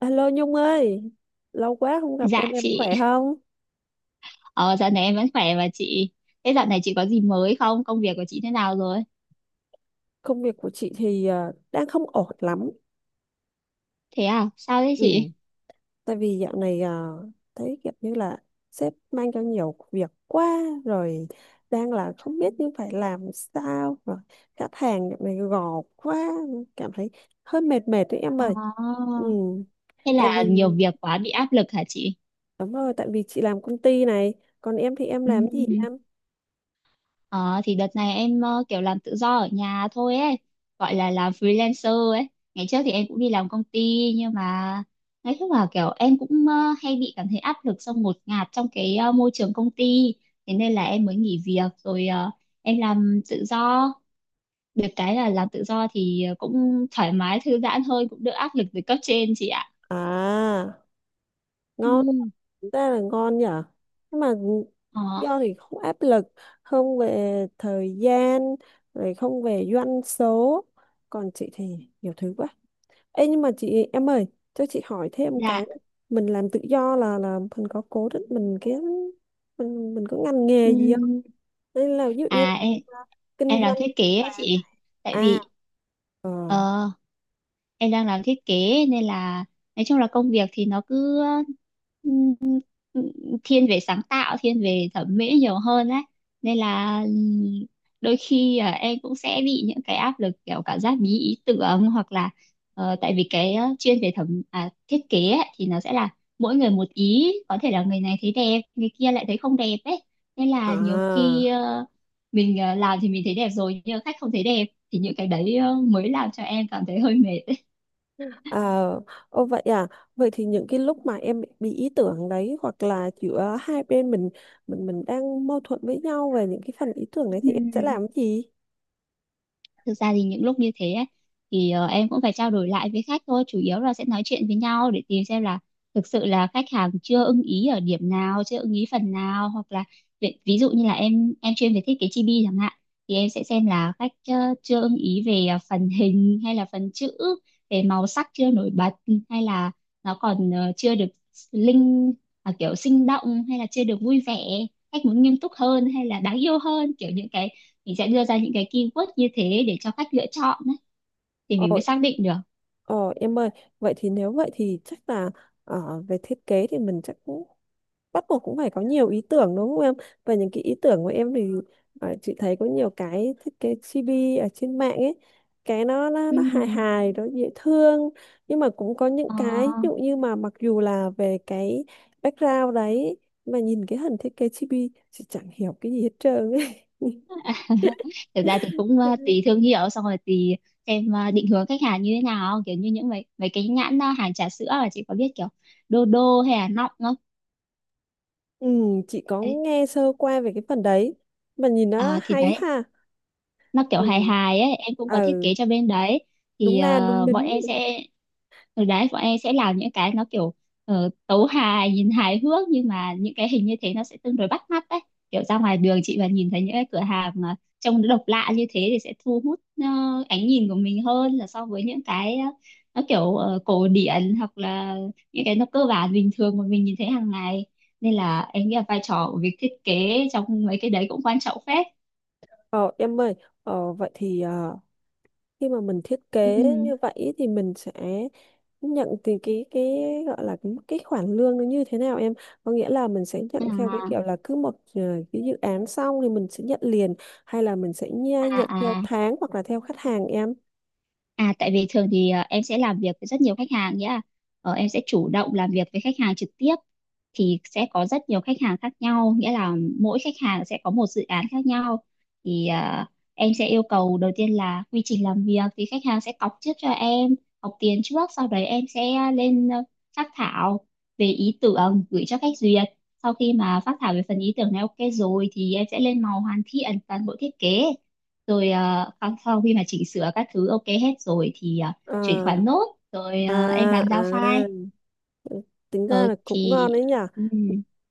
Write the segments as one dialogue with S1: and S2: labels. S1: Alo Nhung ơi, lâu quá không gặp
S2: Dạ
S1: em
S2: chị,
S1: khỏe không?
S2: ờ, dạo này em vẫn khỏe mà chị. Thế dạo này chị có gì mới không? Công việc của chị thế nào rồi?
S1: Công việc của chị thì đang không ổn lắm.
S2: Thế à, sao thế
S1: Ừ,
S2: chị?
S1: tại vì dạo này à, thấy kiểu như là sếp mang cho nhiều việc quá rồi, đang là không biết như phải làm sao rồi, khách hàng dạo này gò quá, cảm thấy hơi mệt mệt đấy em
S2: Ờ,
S1: ơi. Ừ,
S2: Thế
S1: tại
S2: là
S1: vì
S2: nhiều việc quá bị áp lực hả chị?
S1: đúng rồi, tại vì chị làm công ty này, còn em thì em
S2: Ừ.
S1: làm gì em?
S2: Ờ, thì đợt này em kiểu làm tự do ở nhà thôi ấy, gọi là làm freelancer ấy. Ngày trước thì em cũng đi làm công ty, nhưng mà nói chung là kiểu em cũng hay bị cảm thấy áp lực, xong ngột ngạt trong cái môi trường công ty. Thế nên là em mới nghỉ việc, rồi em làm tự do. Được cái là làm tự do thì cũng thoải mái thư giãn hơn, cũng đỡ áp lực từ cấp trên, chị ạ.
S1: À, ngon,
S2: Ừm.
S1: chúng ta là ngon nhở, nhưng mà
S2: Ờ.
S1: do thì không áp lực, không về thời gian, rồi không về doanh số, còn chị thì nhiều thứ quá. Ê nhưng mà chị em ơi, cho chị hỏi thêm cái
S2: Dạ.
S1: nữa. Mình làm tự do là mình có cố định mình cái, mình có ngành nghề gì không,
S2: Ừm.
S1: nên là ví dụ như
S2: à em
S1: là, à, kinh
S2: em làm
S1: doanh
S2: thiết kế ấy
S1: vàng
S2: chị. Tại
S1: à,
S2: vì
S1: ờ,
S2: ờ em đang làm thiết kế, nên là nói chung là công việc thì nó cứ ừm, thiên về sáng tạo, thiên về thẩm mỹ nhiều hơn đấy. Nên là đôi khi em cũng sẽ bị những cái áp lực kiểu cảm giác bí ý tưởng, hoặc là tại vì cái chuyên về thiết kế ấy, thì nó sẽ là mỗi người một ý, có thể là người này thấy đẹp, người kia lại thấy không đẹp ấy. Nên là nhiều khi
S1: à.
S2: mình làm thì mình thấy đẹp rồi nhưng mà khách không thấy đẹp, thì những cái đấy mới làm cho em cảm thấy hơi mệt.
S1: À, ô vậy à, vậy thì những cái lúc mà em bị ý tưởng đấy hoặc là giữa hai bên mình, mình đang mâu thuẫn với nhau về những cái phần ý tưởng đấy
S2: Ừ.
S1: thì em sẽ làm cái gì?
S2: Thực ra thì những lúc như thế ấy, thì em cũng phải trao đổi lại với khách thôi, chủ yếu là sẽ nói chuyện với nhau để tìm xem là thực sự là khách hàng chưa ưng ý ở điểm nào, chưa ưng ý phần nào, hoặc là ví dụ như là em chuyên về thiết kế chibi chẳng hạn, thì em sẽ xem là khách chưa ưng ý về phần hình hay là phần chữ, về màu sắc chưa nổi bật, hay là nó còn chưa được linh kiểu sinh động, hay là chưa được vui vẻ, khách muốn nghiêm túc hơn hay là đáng yêu hơn, kiểu những cái mình sẽ đưa ra những cái keyword như thế để cho khách lựa chọn ấy, thì
S1: Ồ,
S2: mình mới xác định được.
S1: ồ em ơi, vậy thì nếu vậy thì chắc là về thiết kế thì mình chắc cũng bắt buộc cũng phải có nhiều ý tưởng đúng không em, và những cái ý tưởng của em thì à, chị thấy có nhiều cái thiết kế chibi ở trên mạng ấy, cái
S2: Ừ.
S1: nó hài hài, nó dễ thương, nhưng mà cũng có những
S2: Ờ.
S1: cái ví dụ như mà mặc dù là về cái background đấy mà nhìn cái hình thiết kế chibi chị chẳng hiểu cái gì hết trơn ấy.
S2: Thực ra thì cũng tùy thương hiệu, xong rồi tùy xem định hướng khách hàng như thế nào, kiểu như những mấy mấy cái nhãn hàng trà sữa. Là chị có biết kiểu đô đô hay là nọng không?
S1: Ừ, chị có
S2: Đấy.
S1: nghe sơ qua về cái phần đấy, mà nhìn nó
S2: À, thì
S1: hay
S2: đấy,
S1: ha.
S2: nó kiểu hài
S1: Ừ,
S2: hài ấy, em cũng có thiết
S1: ờ,
S2: kế cho bên đấy, thì
S1: đúng na đúng đính.
S2: bọn em sẽ làm những cái nó kiểu tấu hài, nhìn hài hước, nhưng mà những cái hình như thế nó sẽ tương đối bắt mắt đấy. Kiểu ra ngoài đường chị mà nhìn thấy những cái cửa hàng mà trông nó độc lạ như thế thì sẽ thu hút ánh nhìn của mình hơn là so với những cái nó kiểu cổ điển, hoặc là những cái nó cơ bản bình thường mà mình nhìn thấy hàng ngày. Nên là em nghĩ là vai trò của việc thiết kế trong mấy cái đấy cũng quan trọng phết.
S1: Ờ em ơi, vậy thì ờ, khi mà mình thiết
S2: Ừ.
S1: kế như vậy thì mình sẽ nhận từ cái gọi là cái khoản lương nó như thế nào em, có nghĩa là mình sẽ nhận theo cái
S2: À,
S1: kiểu là cứ một ờ, cái dự án xong thì mình sẽ nhận liền, hay là mình sẽ
S2: à,
S1: nhận theo
S2: à.
S1: tháng hoặc là theo khách hàng em.
S2: À, tại vì thường thì em sẽ làm việc với rất nhiều khách hàng nhá. Em sẽ chủ động làm việc với khách hàng trực tiếp, thì sẽ có rất nhiều khách hàng khác nhau, nghĩa là mỗi khách hàng sẽ có một dự án khác nhau. Thì em sẽ yêu cầu đầu tiên là quy trình làm việc thì khách hàng sẽ cọc trước cho em, cọc tiền trước, sau đấy em sẽ lên phác thảo về ý tưởng gửi cho khách duyệt. Sau khi mà phác thảo về phần ý tưởng này ok rồi thì em sẽ lên màu hoàn thiện toàn bộ thiết kế, rồi sau khi mà chỉnh sửa các thứ ok hết rồi thì chuyển
S1: À,
S2: khoản nốt, rồi em
S1: à,
S2: bàn giao file.
S1: à, tính ra
S2: Ờ.
S1: là cũng
S2: Thì
S1: ngon đấy nhỉ.
S2: ừ.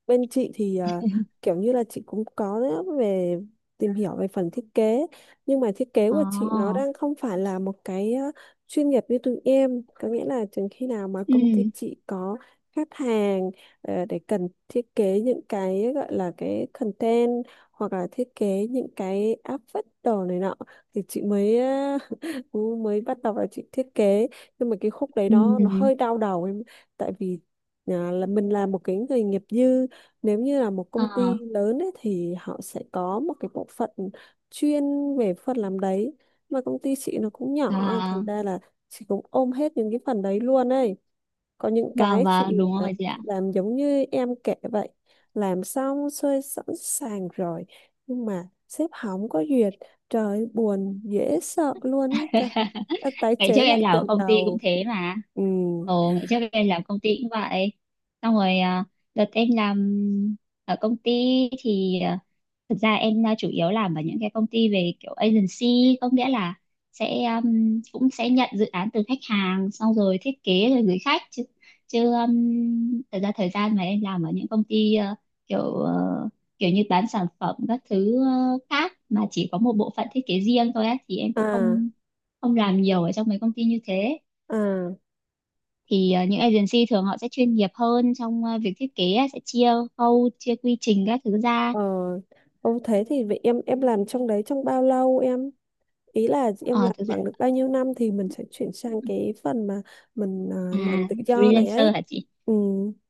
S1: Bên chị thì à, kiểu như là chị cũng có đấy, về tìm hiểu về phần thiết kế, nhưng mà thiết kế
S2: Ờ.
S1: của chị nó đang không phải là một cái à, chuyên nghiệp như tụi em, có nghĩa là chừng khi nào mà
S2: Ừ.
S1: công ty chị có khách hàng ờ, để cần thiết kế những cái gọi là cái content, hoặc là thiết kế những cái áp phích đồ này nọ, thì chị mới cú mới bắt đầu là chị thiết kế, nhưng mà cái khúc đấy nó
S2: Ừ.
S1: hơi đau đầu em, tại vì à, là mình là một cái người nghiệp dư, nếu như là một
S2: Ờ.
S1: công ty lớn ấy, thì họ sẽ có một cái bộ phận chuyên về phần làm đấy, mà công ty chị nó cũng nhỏ thành
S2: và
S1: ra là chị cũng ôm hết những cái phần đấy luôn ấy. Có những cái
S2: và
S1: chị
S2: Đúng rồi chị ạ.
S1: chị làm giống như em kể vậy, làm xong xuôi sẵn sàng rồi, nhưng mà sếp hỏng có duyệt, trời ơi, buồn dễ sợ luôn ấy trời. Đã tái
S2: Ngày trước
S1: chế lại
S2: em làm ở
S1: từ
S2: công ty cũng
S1: đầu.
S2: thế mà.
S1: Ừ.
S2: Ồ, ngày trước em làm công ty cũng vậy, xong rồi đợt em làm ở công ty thì thực ra em chủ yếu làm ở những cái công ty về kiểu agency, có nghĩa là sẽ cũng sẽ nhận dự án từ khách hàng xong rồi thiết kế rồi gửi khách chứ. Thực ra thời gian mà em làm ở những công ty kiểu kiểu như bán sản phẩm các thứ khác, mà chỉ có một bộ phận thiết kế riêng thôi á, thì em cũng
S1: À,
S2: không ông làm nhiều ở trong mấy công ty như thế.
S1: à,
S2: Thì những agency thường họ sẽ chuyên nghiệp hơn trong việc thiết kế á, sẽ chia khâu, chia quy trình các thứ ra.
S1: ờ, ông thế thì vậy em, làm trong đấy trong bao lâu em, ý là em
S2: Ờ,
S1: làm
S2: Thực ra
S1: bằng được bao nhiêu năm thì mình sẽ chuyển sang cái phần mà mình
S2: à
S1: làm tự do này ấy.
S2: freelancer hả chị?
S1: Ừ.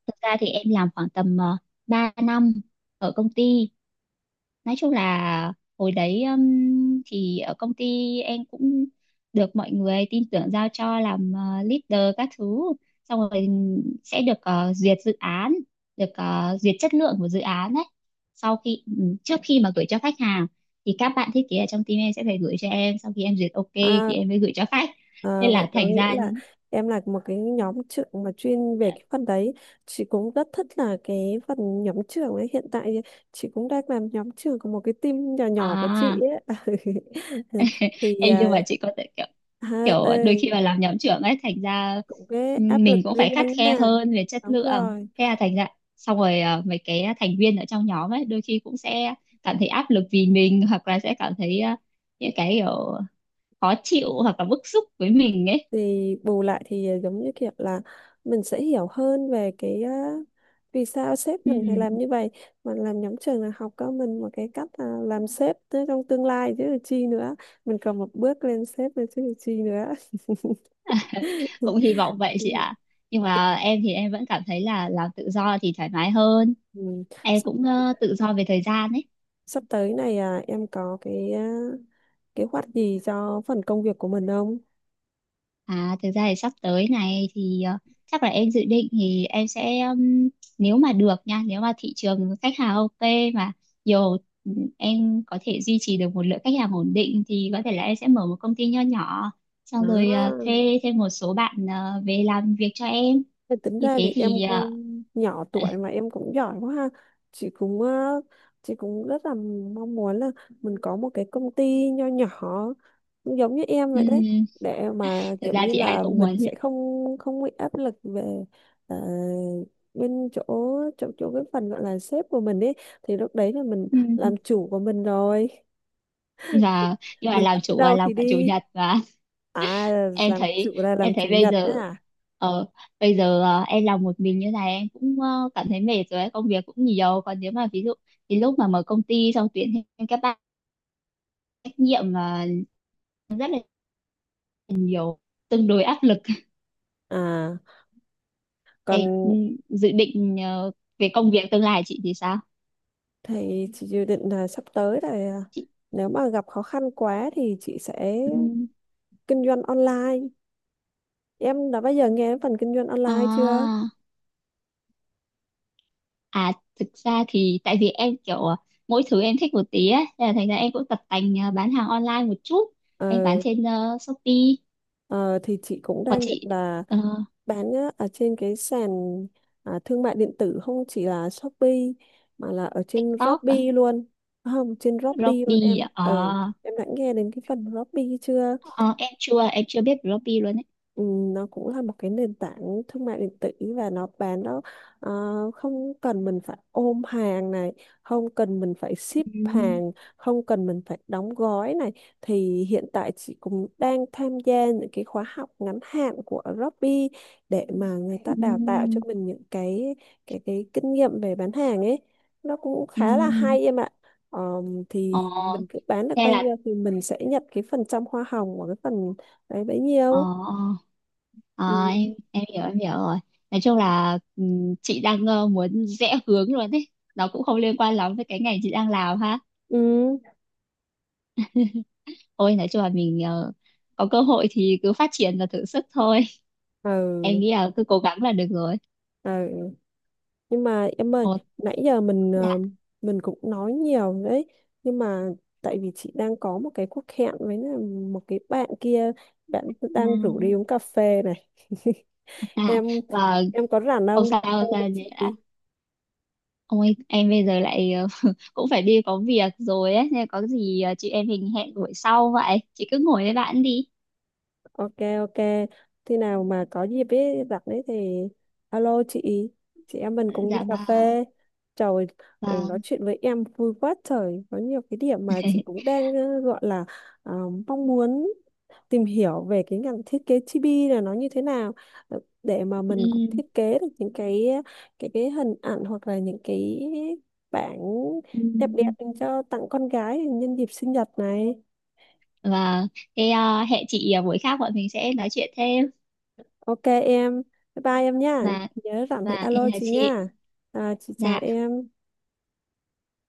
S2: Thực ra thì em làm khoảng tầm 3 năm ở công ty. Nói chung là hồi đấy thì ở công ty em cũng được mọi người tin tưởng giao cho làm leader các thứ, xong rồi sẽ được duyệt dự án, được duyệt chất lượng của dự án đấy, trước khi mà gửi cho khách hàng thì các bạn thiết kế ở trong team em sẽ phải gửi cho em, sau khi em duyệt ok thì
S1: À,
S2: em mới gửi cho khách,
S1: à,
S2: nên là
S1: vậy có
S2: thành
S1: nghĩa
S2: ra.
S1: là em là một cái nhóm trưởng mà chuyên về
S2: ờ,
S1: cái phần đấy. Chị cũng rất thích là cái phần nhóm trưởng ấy, hiện tại thì chị cũng đang làm nhóm trưởng của một cái team nhỏ nhỏ của chị
S2: à
S1: ấy. Thì
S2: Ê,
S1: à,
S2: nhưng mà chị có thể kiểu,
S1: ha
S2: đôi
S1: ơi,
S2: khi mà làm nhóm trưởng ấy thành ra.
S1: cũng cái
S2: Ừ,
S1: áp lực
S2: mình cũng phải
S1: riêng
S2: khắt khe
S1: ha.
S2: hơn về chất
S1: Đúng
S2: lượng. À,
S1: rồi,
S2: thế là thành ra, xong rồi mấy cái thành viên ở trong nhóm ấy đôi khi cũng sẽ cảm thấy áp lực vì mình, hoặc là sẽ cảm thấy những cái kiểu khó chịu hoặc là bức xúc với mình ấy.
S1: thì bù lại thì à, giống như kiểu là mình sẽ hiểu hơn về cái á, vì sao sếp
S2: Ừ,
S1: mình phải làm như vậy, mà làm nhóm trường là học cho mình một cái cách à, làm sếp tới trong tương lai chứ là chi nữa, mình còn một bước lên sếp nữa chứ là chi nữa.
S2: cũng hy vọng vậy chị
S1: Ừ.
S2: ạ. Nhưng mà em thì em vẫn cảm thấy là làm tự do thì thoải mái hơn.
S1: Ừ.
S2: Em
S1: sắp,
S2: cũng tự do về thời gian ấy.
S1: sắp tới này à, em có cái à, kế hoạch gì cho phần công việc của mình không?
S2: À, thực ra thì sắp tới này thì chắc là em dự định thì em sẽ, nếu mà được nha, nếu mà thị trường khách hàng ok mà nhiều, em có thể duy trì được một lượng khách hàng ổn định thì có thể là em sẽ mở một công ty nho nhỏ, xong rồi
S1: Đó,
S2: thuê thêm một số bạn về làm việc cho em.
S1: thì tính
S2: Như
S1: ra
S2: thế
S1: thì em
S2: thì
S1: cũng nhỏ tuổi mà em cũng giỏi quá ha. Chị cũng ờ, chị cũng rất là mong muốn là mình có một cái công ty nho nhỏ cũng giống như em vậy đấy,
S2: ừm,
S1: để mà
S2: thực
S1: kiểu
S2: ra
S1: như
S2: thì ai
S1: là
S2: cũng muốn
S1: mình
S2: vậy.
S1: sẽ không không bị áp lực về ờ, bên chỗ chỗ chỗ cái phần gọi là sếp của mình ấy, thì lúc đấy là mình làm chủ của mình rồi,
S2: và nhưng mà
S1: mình thích
S2: làm
S1: đi
S2: chủ là
S1: đâu
S2: làm
S1: thì
S2: cả chủ
S1: đi.
S2: nhật mà.
S1: À,
S2: em
S1: làm chủ
S2: thấy
S1: là
S2: em
S1: làm
S2: thấy
S1: chủ nhật đấy à?
S2: ờ, em làm một mình như này em cũng cảm thấy mệt rồi ấy, công việc cũng nhiều. Còn nếu mà ví dụ thì lúc mà mở công ty xong tuyển thêm các bạn, trách nhiệm là rất là nhiều, tương đối áp lực.
S1: À, còn
S2: em ừ, Dự định về công việc tương lai chị thì sao?
S1: thì chị dự định là sắp tới là à,
S2: Chị.
S1: nếu mà gặp khó khăn quá thì chị sẽ
S2: Ừm.
S1: kinh doanh online. Em đã bao giờ nghe đến phần kinh doanh online chưa?
S2: À, à, thực ra thì tại vì em kiểu mỗi thứ em thích một tí ấy, thế là thành ra em cũng tập tành bán hàng online một chút. Em bán
S1: Ờ,
S2: trên Shopee.
S1: ờ, thì chị cũng
S2: Còn
S1: đang định
S2: chị
S1: là
S2: ờ,
S1: bán á, ở trên cái sàn à, thương mại điện tử, không chỉ là Shopee mà là ở trên
S2: TikTok à?
S1: Robby luôn. Không, trên Robby luôn
S2: Robby
S1: em
S2: à?
S1: ừ,
S2: Ờ,
S1: em đã nghe đến cái phần Robby chưa?
S2: ờ, em chưa biết Robby luôn ấy.
S1: Ừ, nó cũng là một cái nền tảng thương mại điện tử, và nó bán nó ờ, không cần mình phải ôm hàng này, không cần mình phải ship
S2: Ừ,
S1: hàng, không cần mình phải đóng gói này, thì hiện tại chị cũng đang tham gia những cái khóa học ngắn hạn của Robby để mà người
S2: ừ,
S1: ta đào tạo cho mình những cái cái kinh nghiệm về bán hàng ấy, nó cũng khá là
S2: ừ.
S1: hay em ạ.
S2: Ờ,
S1: Thì mình cứ bán được
S2: Thế
S1: bao
S2: là
S1: nhiêu thì mình sẽ nhận cái phần trăm hoa hồng của cái phần đấy bấy
S2: ờ,
S1: nhiêu.
S2: ờ,
S1: Ừ,
S2: em hiểu rồi. Nói chung là chị đang muốn rẽ hướng luôn đấy. Nó cũng không liên quan lắm với cái ngành chị đang làm ha.
S1: ừ,
S2: Ôi, nói chung là mình có cơ hội thì cứ phát triển và thử sức thôi. Em
S1: ừ.
S2: nghĩ là cứ cố gắng là được rồi.
S1: Ừ. Nhưng mà em ơi,
S2: Ồ.
S1: nãy giờ mình
S2: Dạ.
S1: ờ, mình cũng nói nhiều đấy, nhưng mà tại vì chị đang có một cái cuộc hẹn với là một cái bạn kia, bạn
S2: À,
S1: đang rủ đi uống cà phê này.
S2: à, à.
S1: em
S2: và
S1: em có rảnh
S2: Không
S1: không, đi
S2: sao,
S1: cà phê
S2: không
S1: với chị?
S2: sao. Ôi, em bây giờ lại cũng phải đi có việc rồi ấy, nên có gì chị em mình hẹn buổi sau vậy. Chị cứ ngồi với bạn đi.
S1: Ok ok, khi nào mà có dịp ấy rảnh đấy thì alo chị em mình
S2: Ờ.
S1: cùng đi
S2: Dạ.
S1: cà phê. Trời ừ,
S2: Và
S1: nói chuyện với em vui quá trời, có nhiều cái điểm mà chị cũng đang ờ, gọi là ờ, mong muốn tìm hiểu về cái ngành thiết kế chibi là nó như thế nào, ờ, để mà mình cũng
S2: Ừ,
S1: thiết kế được những cái ờ, cái hình ảnh hoặc là những cái bảng
S2: ừ.
S1: đẹp đẹp dành cho tặng con gái nhân dịp sinh nhật này.
S2: và Thế hẹn chị buổi khác bọn mình sẽ nói chuyện thêm.
S1: Ok em, bye bye em nha.
S2: và
S1: Nhớ rảnh thì
S2: và em
S1: alo
S2: là
S1: chị
S2: chị.
S1: nha. À, chị chào
S2: Dạ.
S1: em.